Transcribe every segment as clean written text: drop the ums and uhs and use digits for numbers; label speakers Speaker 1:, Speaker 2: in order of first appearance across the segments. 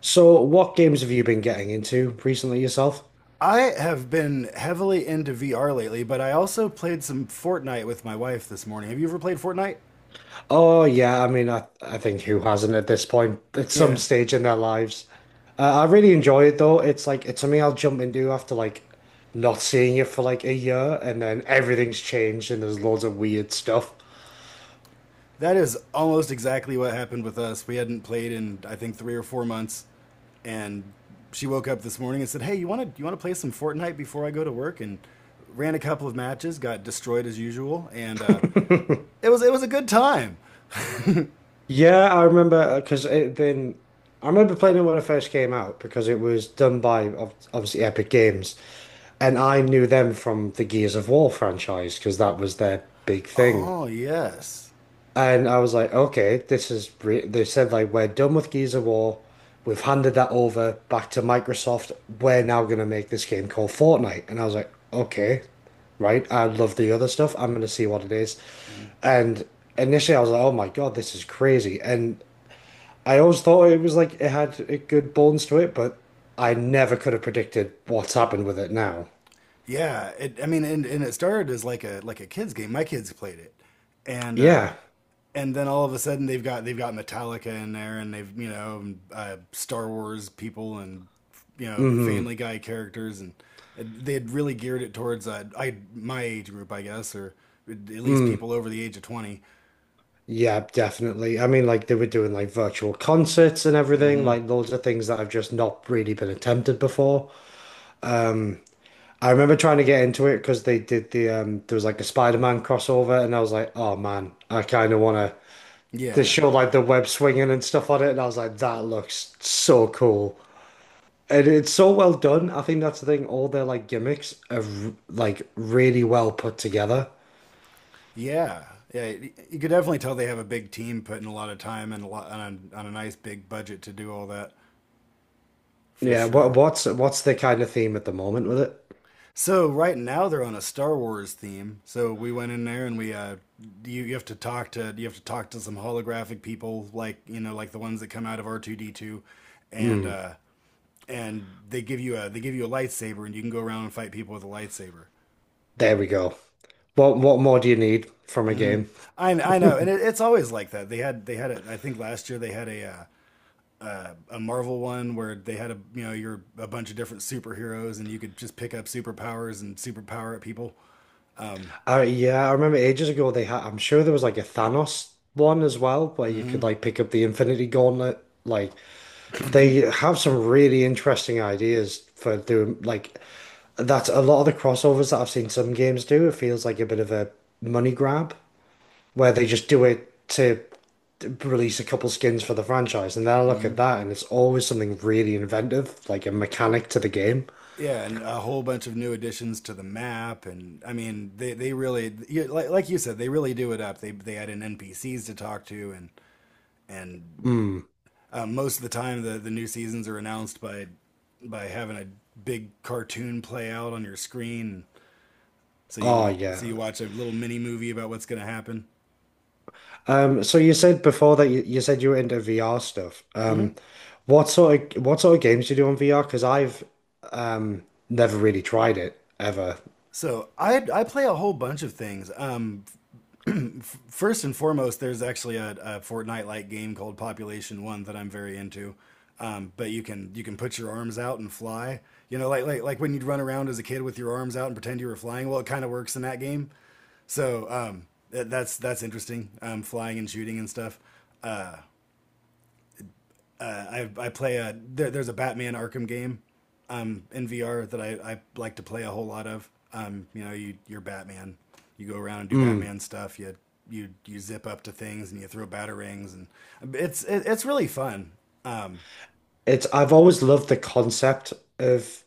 Speaker 1: So, what games have you been getting into recently yourself?
Speaker 2: I have been heavily into VR lately, but I also played some Fortnite with my wife this morning. Have you ever played Fortnite?
Speaker 1: Oh, yeah. I mean, I think who hasn't at this point at some
Speaker 2: Yeah.
Speaker 1: stage in their lives? I really enjoy it though. It's like it's something I'll jump into after like not seeing it for like a year, and then everything's changed and there's loads of weird stuff.
Speaker 2: That is almost exactly what happened with us. We hadn't played in I think 3 or 4 months, and she woke up this morning and said, "Hey, you want to play some Fortnite before I go to work?" And ran a couple of matches, got destroyed as usual, and it was a good time.
Speaker 1: Yeah, I remember because it then I remember playing it when it first came out because it was done by obviously Epic Games, and I knew them from the Gears of War franchise because that was their big thing.
Speaker 2: Oh, yes.
Speaker 1: And I was like, okay, this is re they said like we're done with Gears of War. We've handed that over back to Microsoft. We're now gonna make this game called Fortnite. And I was like, okay, right. I love the other stuff. I'm gonna see what it is. And initially I was like, oh my God, this is crazy. And I always thought it was like it had a good bones to it, but I never could have predicted what's happened with it now.
Speaker 2: Yeah, it, I mean, and it started as like a kids game. My kids played it, and uh,
Speaker 1: Yeah.
Speaker 2: and then all of a sudden they've got Metallica in there, and they've Star Wars people, and
Speaker 1: Mm-hmm.
Speaker 2: Family Guy characters, and they had really geared it towards I my age group, I guess, or at least
Speaker 1: Mm.
Speaker 2: people over the age of 20.
Speaker 1: Yeah, definitely. I mean, like they were doing like virtual concerts and everything, like loads of things that have just not really been attempted before. I remember trying to get into it because they did the there was like a Spider-Man crossover and I was like, oh man, I kind of want to they
Speaker 2: Yeah,
Speaker 1: show like the web swinging and stuff on it and I was like, that looks so cool. And it's so well done. I think that's the thing. All their like gimmicks are like really well put together.
Speaker 2: yeah, yeah. You could definitely tell they have a big team putting a lot of time and a lot on a nice big budget to do all that for
Speaker 1: Yeah, what
Speaker 2: sure.
Speaker 1: what's what's the kind of theme at the moment with it?
Speaker 2: So right now they're on a Star Wars theme. So we went in there and we you, you have to talk to you have to talk to some holographic people like like the ones that come out of R2D2 and
Speaker 1: Mm,
Speaker 2: uh and they give you a lightsaber and you can go around and fight people with a lightsaber.
Speaker 1: there we go. What more do you need from a
Speaker 2: hmm
Speaker 1: game?
Speaker 2: I know, and it, it's always like that. They had it I think last year. They had a Marvel one where they had a you're a bunch of different superheroes and you could just pick up superpowers and superpower at people. Um,
Speaker 1: Yeah, I remember ages ago they had. I'm sure there was like a Thanos one as well, where you
Speaker 2: hmm
Speaker 1: could like pick up the Infinity Gauntlet. Like they have some really interesting ideas for doing like that's a lot of the crossovers that I've seen some games do. It feels like a bit of a money grab where they just do it to release a couple skins for the franchise, and then I look at
Speaker 2: hmm
Speaker 1: that and it's always something really inventive, like a mechanic to the game.
Speaker 2: Yeah, and a whole bunch of new additions to the map, and I mean, they really like you said, they really do it up. They add in NPCs to talk to, and and
Speaker 1: Mm.
Speaker 2: um, most of the time, the new seasons are announced by having a big cartoon play out on your screen. So
Speaker 1: Oh
Speaker 2: you
Speaker 1: yeah.
Speaker 2: watch a little mini movie about what's going to happen.
Speaker 1: So you said before that you said you were into VR stuff.
Speaker 2: hmm
Speaker 1: What sort of games do you do on VR? Because I've um never really tried it ever.
Speaker 2: So I play a whole bunch of things. First and foremost, there's actually a Fortnite-like game called Population One that I'm very into. But you can put your arms out and fly. You know, like when you'd run around as a kid with your arms out and pretend you were flying. Well, it kind of works in that game. So that's interesting. Flying and shooting and stuff. Uh, I play a there's a Batman Arkham game in VR that I like to play a whole lot of. You know, you you're Batman. You go around and do
Speaker 1: Mm.
Speaker 2: Batman stuff. You zip up to things and you throw batarangs and it's really fun. Um,
Speaker 1: It's I've always loved the concept of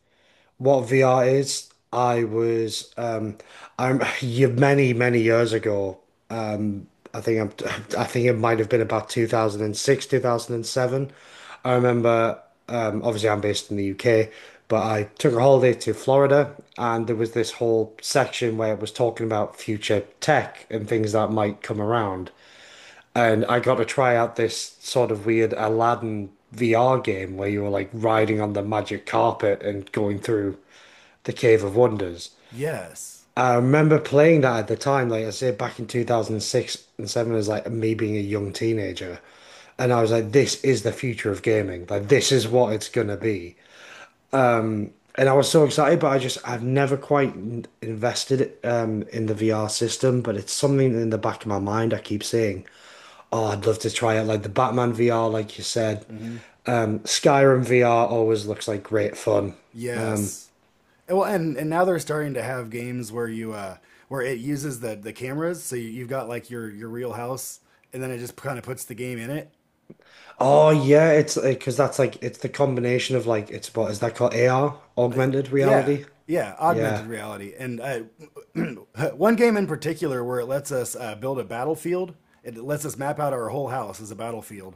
Speaker 1: what VR is, I was I'm you many, many years ago. Um I think I'm I think it might have been about 2006, 2007. I remember obviously I'm based in the UK, but I took a holiday to Florida and there was this whole section where it was talking about future tech and things that might come around. And I got to try out this sort of weird Aladdin VR game where you were like riding on the magic carpet and going through the Cave of Wonders.
Speaker 2: yes,
Speaker 1: I remember playing that at the time, like I say, back in 2006 and 7 as like me being a young teenager. And I was like, this is the future of gaming. Like, this is what it's going to be. And I was so excited, but I just, I've never quite invested in the VR system, but it's something in the back of my mind I keep saying, oh, I'd love to try it. Like the Batman VR, like you said.
Speaker 2: mm hmm
Speaker 1: Skyrim VR always looks like great fun. Um,
Speaker 2: yes. Well, and now they're starting to have games where you where it uses the cameras, so you've got like your real house, and then it just kind of puts the game in it.
Speaker 1: Oh yeah, it's because that's like it's the combination of like it's what is that called AR, augmented
Speaker 2: Yeah,
Speaker 1: reality?
Speaker 2: yeah,
Speaker 1: Yeah.
Speaker 2: augmented reality, and one game in particular where it lets us build a battlefield. It lets us map out our whole house as a battlefield,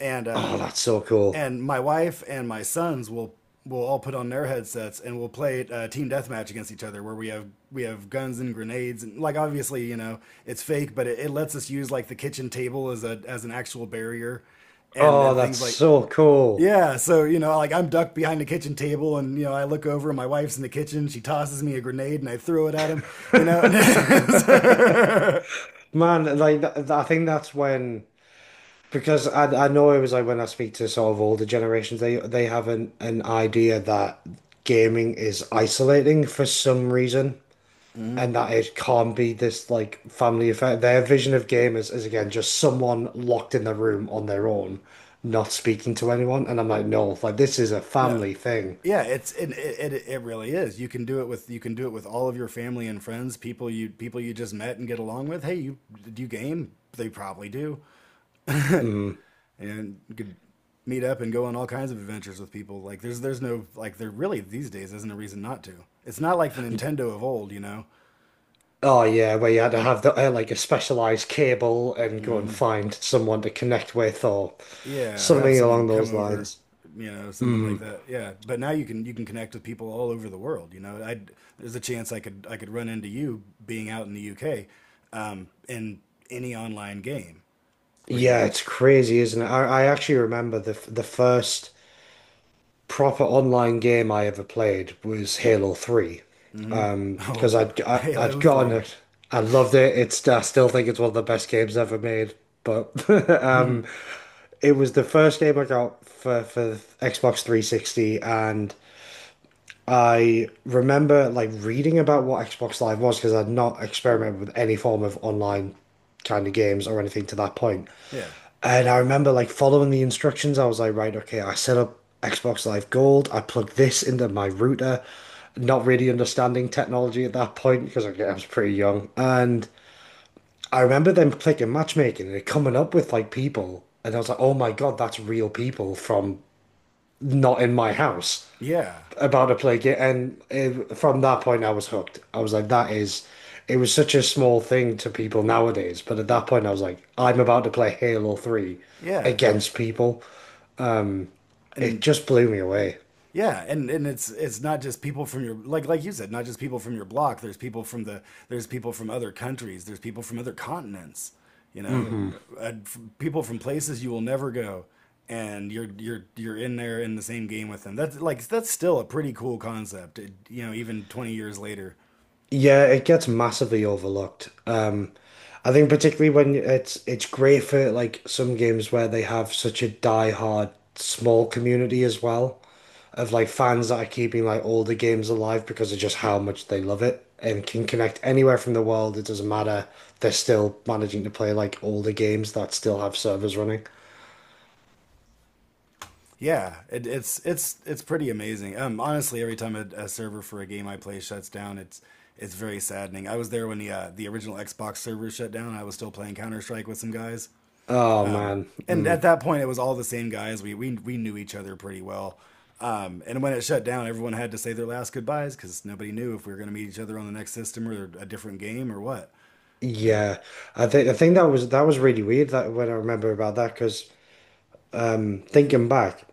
Speaker 2: and uh,
Speaker 1: Oh, that's so cool.
Speaker 2: and my wife and my sons will all put on their headsets and we'll play team deathmatch against each other, where we have guns and grenades, and like obviously it's fake, but it lets us use like the kitchen table as a as an actual barrier,
Speaker 1: Oh,
Speaker 2: and
Speaker 1: that's
Speaker 2: things like
Speaker 1: so cool.
Speaker 2: yeah. So you know, like I'm ducked behind the kitchen table, and you know, I look over, and my wife's in the kitchen. She tosses me a grenade, and I throw it at him. You know,
Speaker 1: Man, like I think that's when because I know it was like when I speak to sort of older generations, they have an idea that gaming is isolating for some reason.
Speaker 2: Mhm.
Speaker 1: And that it can't be this like family affair. Their vision of gamers is again just someone locked in their room on their own, not speaking to anyone. And I'm like, no, like this is a
Speaker 2: No,
Speaker 1: family thing.
Speaker 2: yeah, it it really is. You can do it with all of your family and friends, people you just met and get along with. Hey, you do you game? They probably do,
Speaker 1: Mm.
Speaker 2: and you could meet up and go on all kinds of adventures with people. Like there's no, like, there really these days isn't a reason not to. It's not like the Nintendo of old, you know.
Speaker 1: Oh yeah, where you had to have the, like a specialized cable and go and find someone to connect with or
Speaker 2: Yeah, or have
Speaker 1: something
Speaker 2: someone
Speaker 1: along
Speaker 2: come
Speaker 1: those
Speaker 2: over,
Speaker 1: lines.
Speaker 2: you know, something like
Speaker 1: Mm.
Speaker 2: that. Yeah, but now you can connect with people all over the world. You know, I there's a chance I could run into you being out in the UK, in any online game, pretty
Speaker 1: Yeah,
Speaker 2: much.
Speaker 1: it's crazy, isn't it? I actually remember the the first proper online game I ever played was Halo 3.
Speaker 2: hmm
Speaker 1: Because
Speaker 2: Oh,
Speaker 1: I'd I, I'd
Speaker 2: Halo
Speaker 1: gotten
Speaker 2: Three.
Speaker 1: it. I loved it. It's I still think it's one of the best games ever made. But um,
Speaker 2: Mhm.
Speaker 1: it was the first game I got for Xbox 360, and I remember like reading about what Xbox Live was because I'd not experimented with any form of online kind of games or anything to that point.
Speaker 2: Yeah,
Speaker 1: And I remember like following the instructions. I was like, right, okay, I set up Xbox Live Gold. I plugged this into my router, not really understanding technology at that point because I was pretty young. And I remember them clicking matchmaking and it coming up with like people. And I was like, oh my God, that's real people from not in my house
Speaker 2: yeah,
Speaker 1: about to play game. And it, from that point, I was hooked. I was like, that is, it was such a small thing to people nowadays. But at that point, I was like, I'm about to play Halo 3
Speaker 2: yeah.
Speaker 1: against people. It
Speaker 2: And
Speaker 1: just blew me away.
Speaker 2: yeah, and it's not just people from your, like you said, not just people from your block. There's people from other countries. There's people from other continents. You know,
Speaker 1: Hmm.
Speaker 2: people from places you will never go, and you're in there in the same game with them. That's like that's still a pretty cool concept. It, you know, even 20 years later.
Speaker 1: Yeah, it gets massively overlooked. I think particularly when it's great for like some games where they have such a die-hard small community as well of like fans that are keeping like all the games alive because of just how much they love it and can connect anywhere from the world. It doesn't matter. They're still managing to play like all the games that still have servers running.
Speaker 2: Yeah, it's pretty amazing. Honestly, every time a server for a game I play shuts down, it's very saddening. I was there when the original Xbox server shut down. I was still playing Counter Strike with some guys,
Speaker 1: Oh man.
Speaker 2: and at
Speaker 1: Mm.
Speaker 2: that point, it was all the same guys. We knew each other pretty well. And when it shut down, everyone had to say their last goodbyes because nobody knew if we were going to meet each other on the next system or a different game or what. You know.
Speaker 1: Yeah. I think that was really weird that when I remember about that because thinking back,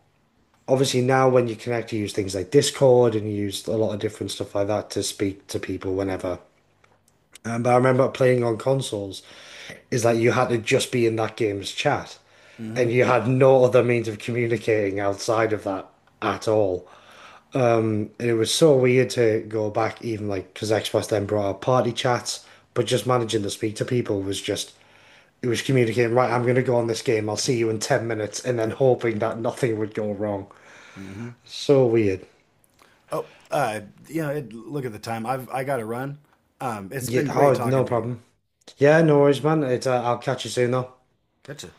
Speaker 1: obviously now when you connect, you use things like Discord and you use a lot of different stuff like that to speak to people whenever. But I remember playing on consoles is that you had to just be in that game's chat,
Speaker 2: Mm-hmm.
Speaker 1: and you had no other means of communicating outside of that at all. And it was so weird to go back, even like because Xbox then brought out party chats, but just managing to speak to people was just it was communicating. Right, I'm going to go on this game. I'll
Speaker 2: Yep.
Speaker 1: see you in 10 minutes, and then
Speaker 2: Yep.
Speaker 1: hoping that nothing would go wrong.
Speaker 2: Mm-hmm.
Speaker 1: So weird.
Speaker 2: Oh, you know, look at the time. I got to run. It's
Speaker 1: Yeah,
Speaker 2: been great
Speaker 1: oh, no
Speaker 2: talking to you.
Speaker 1: problem. Yeah, no worries, man. It's, I'll catch you soon, though.
Speaker 2: Gotcha.